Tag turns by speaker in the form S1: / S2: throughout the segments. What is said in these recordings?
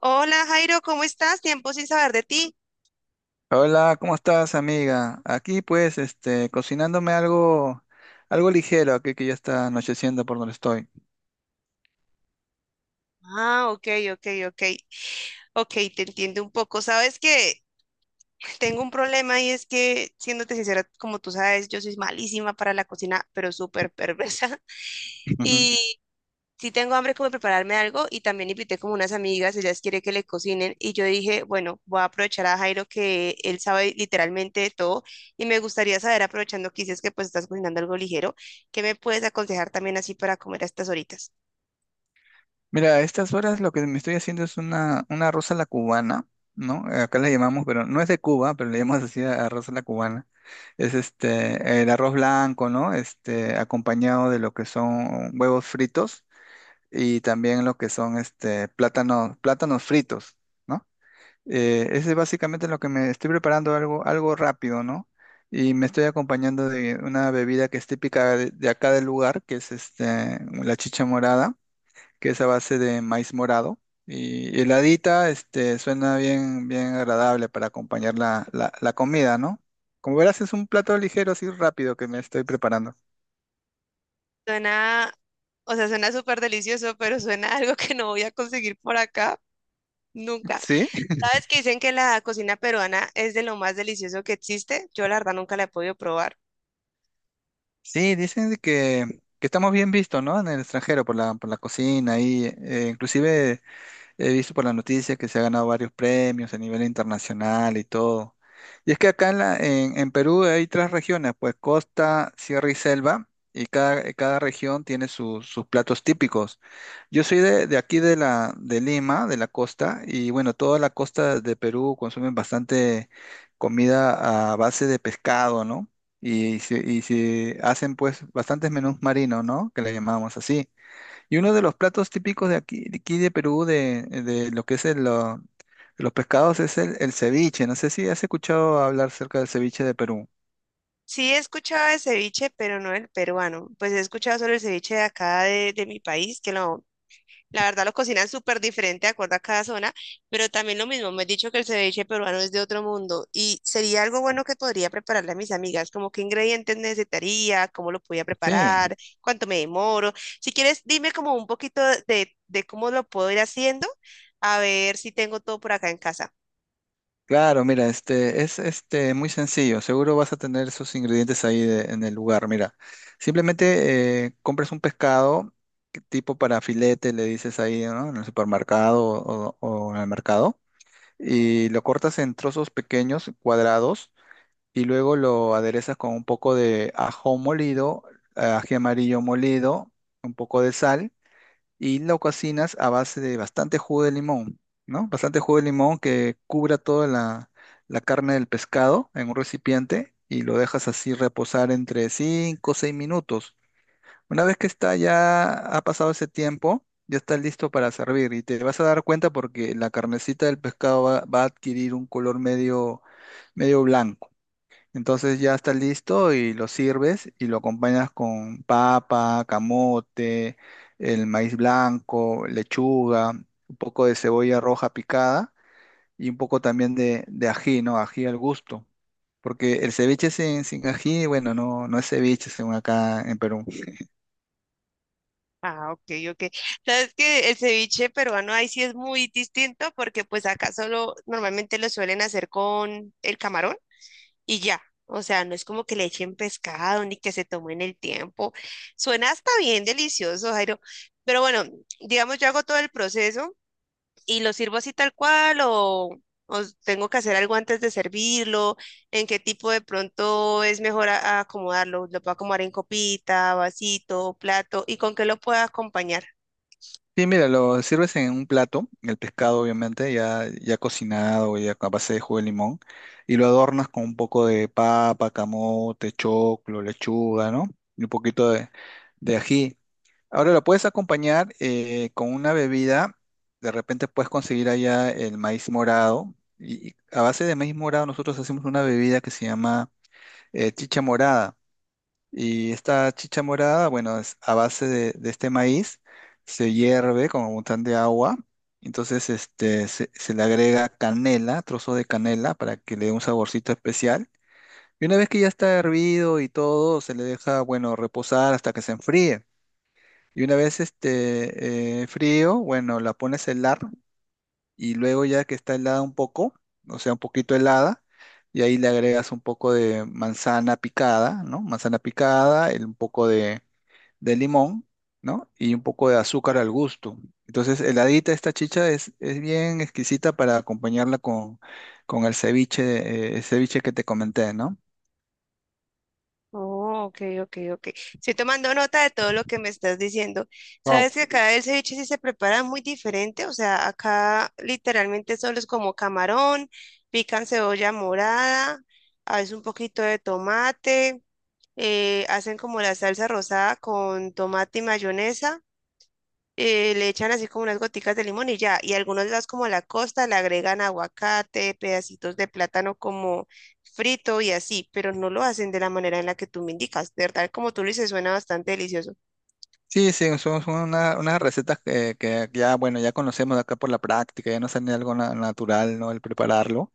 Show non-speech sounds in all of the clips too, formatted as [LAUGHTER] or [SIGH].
S1: Hola Jairo, ¿cómo estás? Tiempo sin saber de ti.
S2: Hola, ¿cómo estás, amiga? Aquí pues, cocinándome algo, algo ligero, aquí que ya está anocheciendo por donde estoy.
S1: Ah, ok, ok, ok. Ok, te entiendo un poco. Sabes que [LAUGHS] tengo un problema y es que, siéndote sincera, como tú sabes, yo soy malísima para la cocina, pero súper perversa. [LAUGHS] Y
S2: [LAUGHS]
S1: sí tengo hambre como de prepararme algo y también invité como unas amigas, ellas quieren que le cocinen y yo dije, bueno, voy a aprovechar a Jairo que él sabe literalmente de todo y me gustaría saber, aprovechando que dices que pues estás cocinando algo ligero, ¿qué me puedes aconsejar también así para comer a estas horitas?
S2: Mira, a estas horas lo que me estoy haciendo es una arroz a la cubana, ¿no? Acá le llamamos, pero no es de Cuba, pero le llamamos así arroz a la cubana. Es este, el arroz blanco, ¿no? Este, acompañado de lo que son huevos fritos y también lo que son este, plátanos fritos, ¿no? Ese es básicamente lo que me estoy preparando algo, algo rápido, ¿no? Y me estoy acompañando de una bebida que es típica de acá del lugar, que es este, la chicha morada que es a base de maíz morado. Y heladita, este, suena bien, bien agradable para acompañar la comida, ¿no? Como verás, es un plato ligero, así rápido que me estoy preparando.
S1: Suena, o sea, suena súper delicioso, pero suena [LAUGHS] a algo que no voy a conseguir por acá
S2: [LAUGHS]
S1: nunca.
S2: ¿Sí?
S1: ¿Sabes que dicen que la cocina peruana es de lo más delicioso que existe? Yo la verdad nunca la he podido probar.
S2: Sí, dicen de que estamos bien vistos, ¿no? En el extranjero por la cocina y inclusive he visto por la noticia que se ha ganado varios premios a nivel internacional y todo. Y es que acá en Perú hay tres regiones, pues costa, sierra y selva, y cada región tiene sus platos típicos. Yo soy de aquí de de Lima, de la costa, y bueno, toda la costa de Perú consumen bastante comida a base de pescado, ¿no? Y, y se hacen pues bastantes menús marinos, ¿no? Que le llamamos así. Y uno de los platos típicos de aquí, de aquí de Perú, de lo que es los pescados, es el ceviche. No sé si has escuchado hablar acerca del ceviche de Perú.
S1: Sí he escuchado de ceviche, pero no el peruano. Pues he escuchado sobre el ceviche de acá de mi país, que lo la verdad lo cocinan súper diferente de acuerdo a cada zona, pero también lo mismo, me he dicho que el ceviche peruano es de otro mundo y sería algo bueno que podría prepararle a mis amigas, como qué ingredientes necesitaría, cómo lo podía
S2: Sí,
S1: preparar, cuánto me demoro. Si quieres, dime como un poquito de cómo lo puedo ir haciendo, a ver si tengo todo por acá en casa.
S2: claro, mira, este es este muy sencillo. Seguro vas a tener esos ingredientes ahí en el lugar. Mira, simplemente compras un pescado que tipo para filete, le dices ahí, ¿no? En el supermercado o en el mercado, y lo cortas en trozos pequeños, cuadrados y luego lo aderezas con un poco de ajo molido, ají amarillo molido, un poco de sal y lo cocinas a base de bastante jugo de limón, ¿no? Bastante jugo de limón que cubra toda la carne del pescado en un recipiente y lo dejas así reposar entre 5 o 6 minutos. Una vez que está ya, ha pasado ese tiempo, ya está listo para servir y te vas a dar cuenta porque la carnecita del pescado va a adquirir un color medio, medio blanco, entonces ya está listo y lo sirves y lo acompañas con papa, camote, el maíz blanco, lechuga, un poco de cebolla roja picada y un poco también de ají, ¿no? Ají al gusto. Porque el ceviche sin ají, bueno, no, no es ceviche según acá en Perú.
S1: Ah, ok, ok. Sabes que el ceviche peruano ahí sí es muy distinto porque pues acá solo normalmente lo suelen hacer con el camarón y ya. O sea, no es como que le echen pescado ni que se tomen el tiempo. Suena hasta bien delicioso, Jairo. Pero bueno, digamos, yo hago todo el proceso y lo sirvo así tal cual o tengo que hacer algo antes de servirlo, en qué tipo de pronto es mejor a acomodarlo. Lo puedo acomodar en copita, vasito, plato y con qué lo puedo acompañar.
S2: Sí, mira, lo sirves en un plato, el pescado obviamente, ya, ya cocinado, ya a base de jugo de limón, y lo adornas con un poco de papa, camote, choclo, lechuga, ¿no? Y un poquito de ají. Ahora lo puedes acompañar con una bebida, de repente puedes conseguir allá el maíz morado, y a base de maíz morado nosotros hacemos una bebida que se llama chicha morada. Y esta chicha morada, bueno, es a base de este maíz, se hierve con un montón de agua. Entonces, este, se le agrega canela, trozos de canela, para que le dé un saborcito especial. Y una vez que ya está hervido y todo, se le deja, bueno, reposar hasta que se enfríe. Y una vez frío, bueno, la pones a helar y luego ya que está helada un poco, o sea, un poquito helada, y ahí le agregas un poco de manzana picada, ¿no? Manzana picada, un poco de limón, ¿no? Y un poco de azúcar al gusto. Entonces, heladita esta chicha es bien exquisita para acompañarla con el ceviche que te comenté, ¿no?
S1: Oh, ok, ok, ok. Estoy tomando nota de todo lo que me estás diciendo. Sabes que acá el ceviche sí se prepara muy diferente, o sea, acá literalmente solo es como camarón, pican cebolla morada, a veces un poquito de tomate, hacen como la salsa rosada con tomate y mayonesa. Le echan así como unas goticas de limón y ya, y algunos las como a la costa le agregan aguacate, pedacitos de plátano como frito y así, pero no lo hacen de la manera en la que tú me indicas. De verdad, como tú lo dices, suena bastante delicioso.
S2: Sí, sí, son, son unas recetas que ya, bueno, ya conocemos acá por la práctica, ya nos sale algo natural, ¿no? El prepararlo.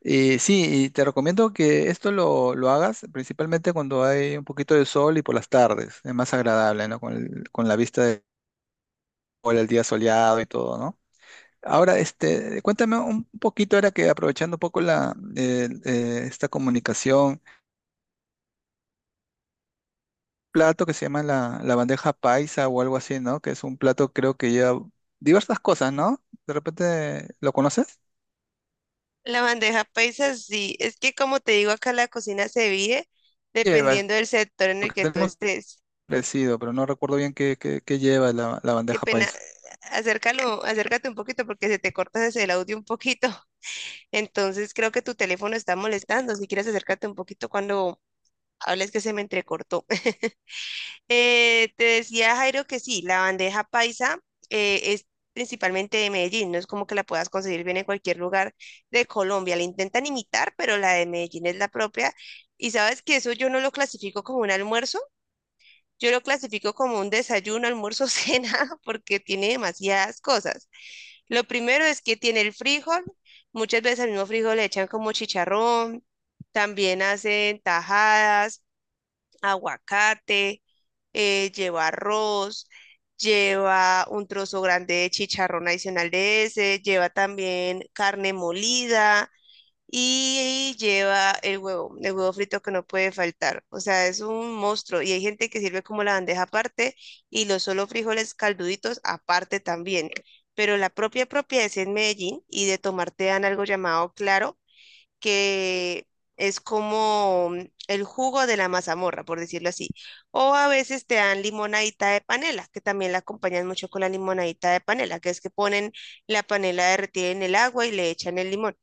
S2: Y sí, y te recomiendo que esto lo hagas principalmente cuando hay un poquito de sol y por las tardes, es más agradable, ¿no? Con, con la vista del sol, el día soleado y todo, ¿no? Ahora, este, cuéntame un poquito, ahora que aprovechando un poco esta comunicación, plato que se llama la bandeja paisa o algo así, ¿no? Que es un plato creo que lleva diversas cosas, ¿no? ¿De repente lo conoces?
S1: La bandeja paisa, sí, es que como te digo, acá la cocina se vive
S2: Lleva,
S1: dependiendo del sector en el
S2: porque
S1: que tú
S2: tenemos
S1: estés.
S2: parecido, pero no recuerdo bien qué, qué lleva la
S1: Qué
S2: bandeja
S1: pena,
S2: paisa.
S1: acércalo, acércate un poquito porque se te corta desde el audio un poquito. Entonces creo que tu teléfono está molestando. Si quieres acércate un poquito cuando hables que se me entrecortó. [LAUGHS] Te decía Jairo que sí, la bandeja paisa es principalmente de Medellín. No es como que la puedas conseguir bien en cualquier lugar de Colombia. La intentan imitar, pero la de Medellín es la propia. Y sabes que eso yo no lo clasifico como un almuerzo. Yo lo clasifico como un desayuno, almuerzo, [LAUGHS] cena, porque tiene demasiadas cosas. Lo primero es que tiene el frijol. Muchas veces al mismo frijol le echan como chicharrón. También hacen tajadas, aguacate, lleva arroz, lleva un trozo grande de chicharrón adicional de ese, lleva también carne molida y lleva el huevo frito que no puede faltar. O sea, es un monstruo. Y hay gente que sirve como la bandeja aparte y los solo frijoles calduditos aparte también. Pero la propia propia es en Medellín y de tomar te dan algo llamado claro, que es como el jugo de la mazamorra, por decirlo así. O a veces te dan limonadita de panela, que también la acompañan mucho con la limonadita de panela, que es que ponen la panela derretida en el agua y le echan el limón.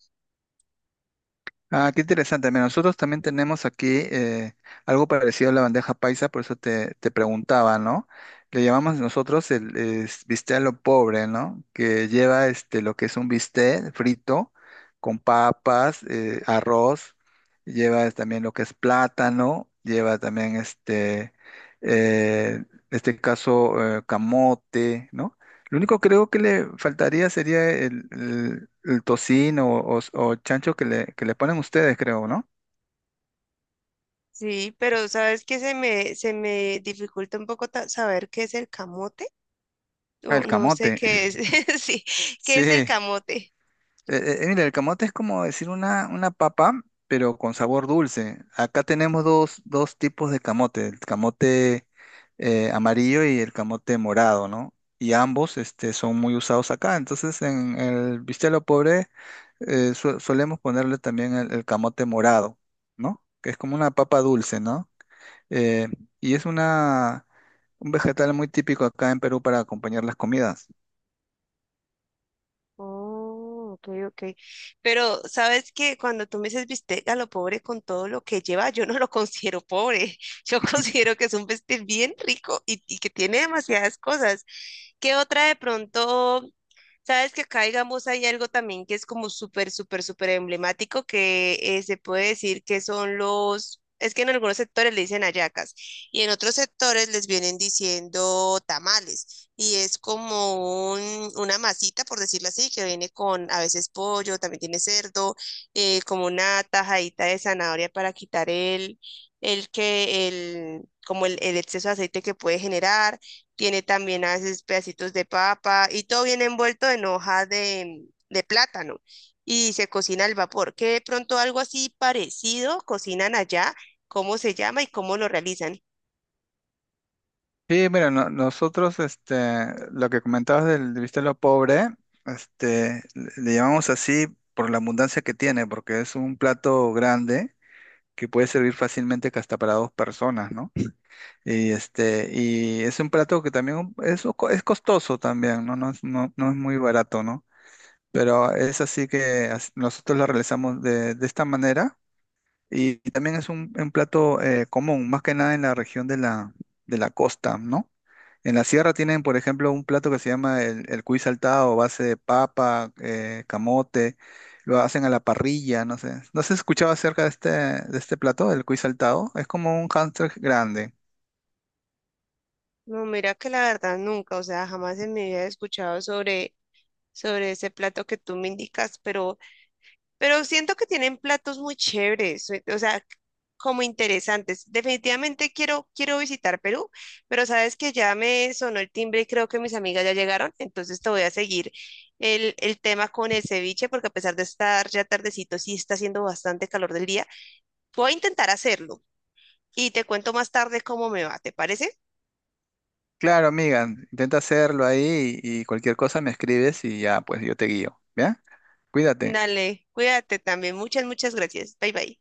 S2: Ah, qué interesante. Mira, nosotros también tenemos aquí algo parecido a la bandeja paisa, por eso te, te preguntaba, ¿no? Le llamamos nosotros el, es bistec a lo pobre, ¿no? Que lleva este, lo que es un bistec frito con papas, arroz, lleva también lo que es plátano, lleva también este, en este caso, camote, ¿no? Lo único creo que le faltaría sería el tocino o, o chancho que le ponen ustedes, creo, ¿no?
S1: Sí, pero ¿sabes qué? Se me dificulta un poco saber qué es el camote.
S2: Ah, el
S1: O no sé
S2: camote.
S1: qué
S2: [LAUGHS]
S1: es. [LAUGHS] Sí,
S2: Sí.
S1: ¿qué es el camote?
S2: Mira, el camote es como decir una papa, pero con sabor dulce. Acá tenemos dos, dos tipos de camote, el camote amarillo y el camote morado, ¿no? Y ambos este, son muy usados acá. Entonces, en el bistec pobre solemos ponerle también el camote morado, ¿no? Que es como una papa dulce, ¿no? Eh, y es una, un vegetal muy típico acá en Perú para acompañar las comidas.
S1: Oh, ok, ok. Pero ¿sabes qué? Cuando tú me dices bistec a lo pobre con todo lo que lleva, yo no lo considero pobre. [LAUGHS] Yo considero que es un bistec bien rico y que tiene demasiadas cosas. ¿Qué otra de pronto? Sabes que acá, digamos, hay algo también que es como súper, súper, súper emblemático que se puede decir que son los, es que en algunos sectores le dicen hallacas y en otros sectores les vienen diciendo tamales y es como una masita, por decirlo así, que viene con a veces pollo, también tiene cerdo, como una tajadita de zanahoria para quitar el que, el, como el exceso de aceite que puede generar, tiene también a veces pedacitos de papa y todo viene envuelto en hoja de plátano y se cocina al vapor. Que de pronto algo así parecido cocinan allá, cómo se llama y cómo lo realizan.
S2: Sí, mira, nosotros, este, lo que comentabas del bistec a lo pobre, este, le llamamos así por la abundancia que tiene, porque es un plato grande que puede servir fácilmente que hasta para dos personas, ¿no? Y este, y es un plato que también es, es costoso también, ¿no? No es, no, no es muy barato, ¿no? Pero es así que nosotros lo realizamos de esta manera. Y también es un plato común, más que nada en la región de de la costa, ¿no? En la sierra tienen, por ejemplo, un plato que se llama el cuy saltado, base de papa, camote, lo hacen a la parrilla, no sé. ¿No has escuchado acerca de este plato, el cuy saltado? Es como un hámster grande.
S1: No, mira que la verdad nunca, o sea, jamás en mi vida he escuchado sobre, sobre ese plato que tú me indicas, pero siento que tienen platos muy chéveres, o sea, como interesantes. Definitivamente quiero, quiero visitar Perú, pero sabes que ya me sonó el timbre y creo que mis amigas ya llegaron, entonces te voy a seguir el tema con el ceviche, porque a pesar de estar ya tardecito, sí está haciendo bastante calor del día. Voy a intentar hacerlo y te cuento más tarde cómo me va, ¿te parece?
S2: Claro, amiga, intenta hacerlo ahí y cualquier cosa me escribes y ya, pues yo te guío, ¿ya? Cuídate.
S1: Dale, cuídate también. Muchas, muchas gracias. Bye bye.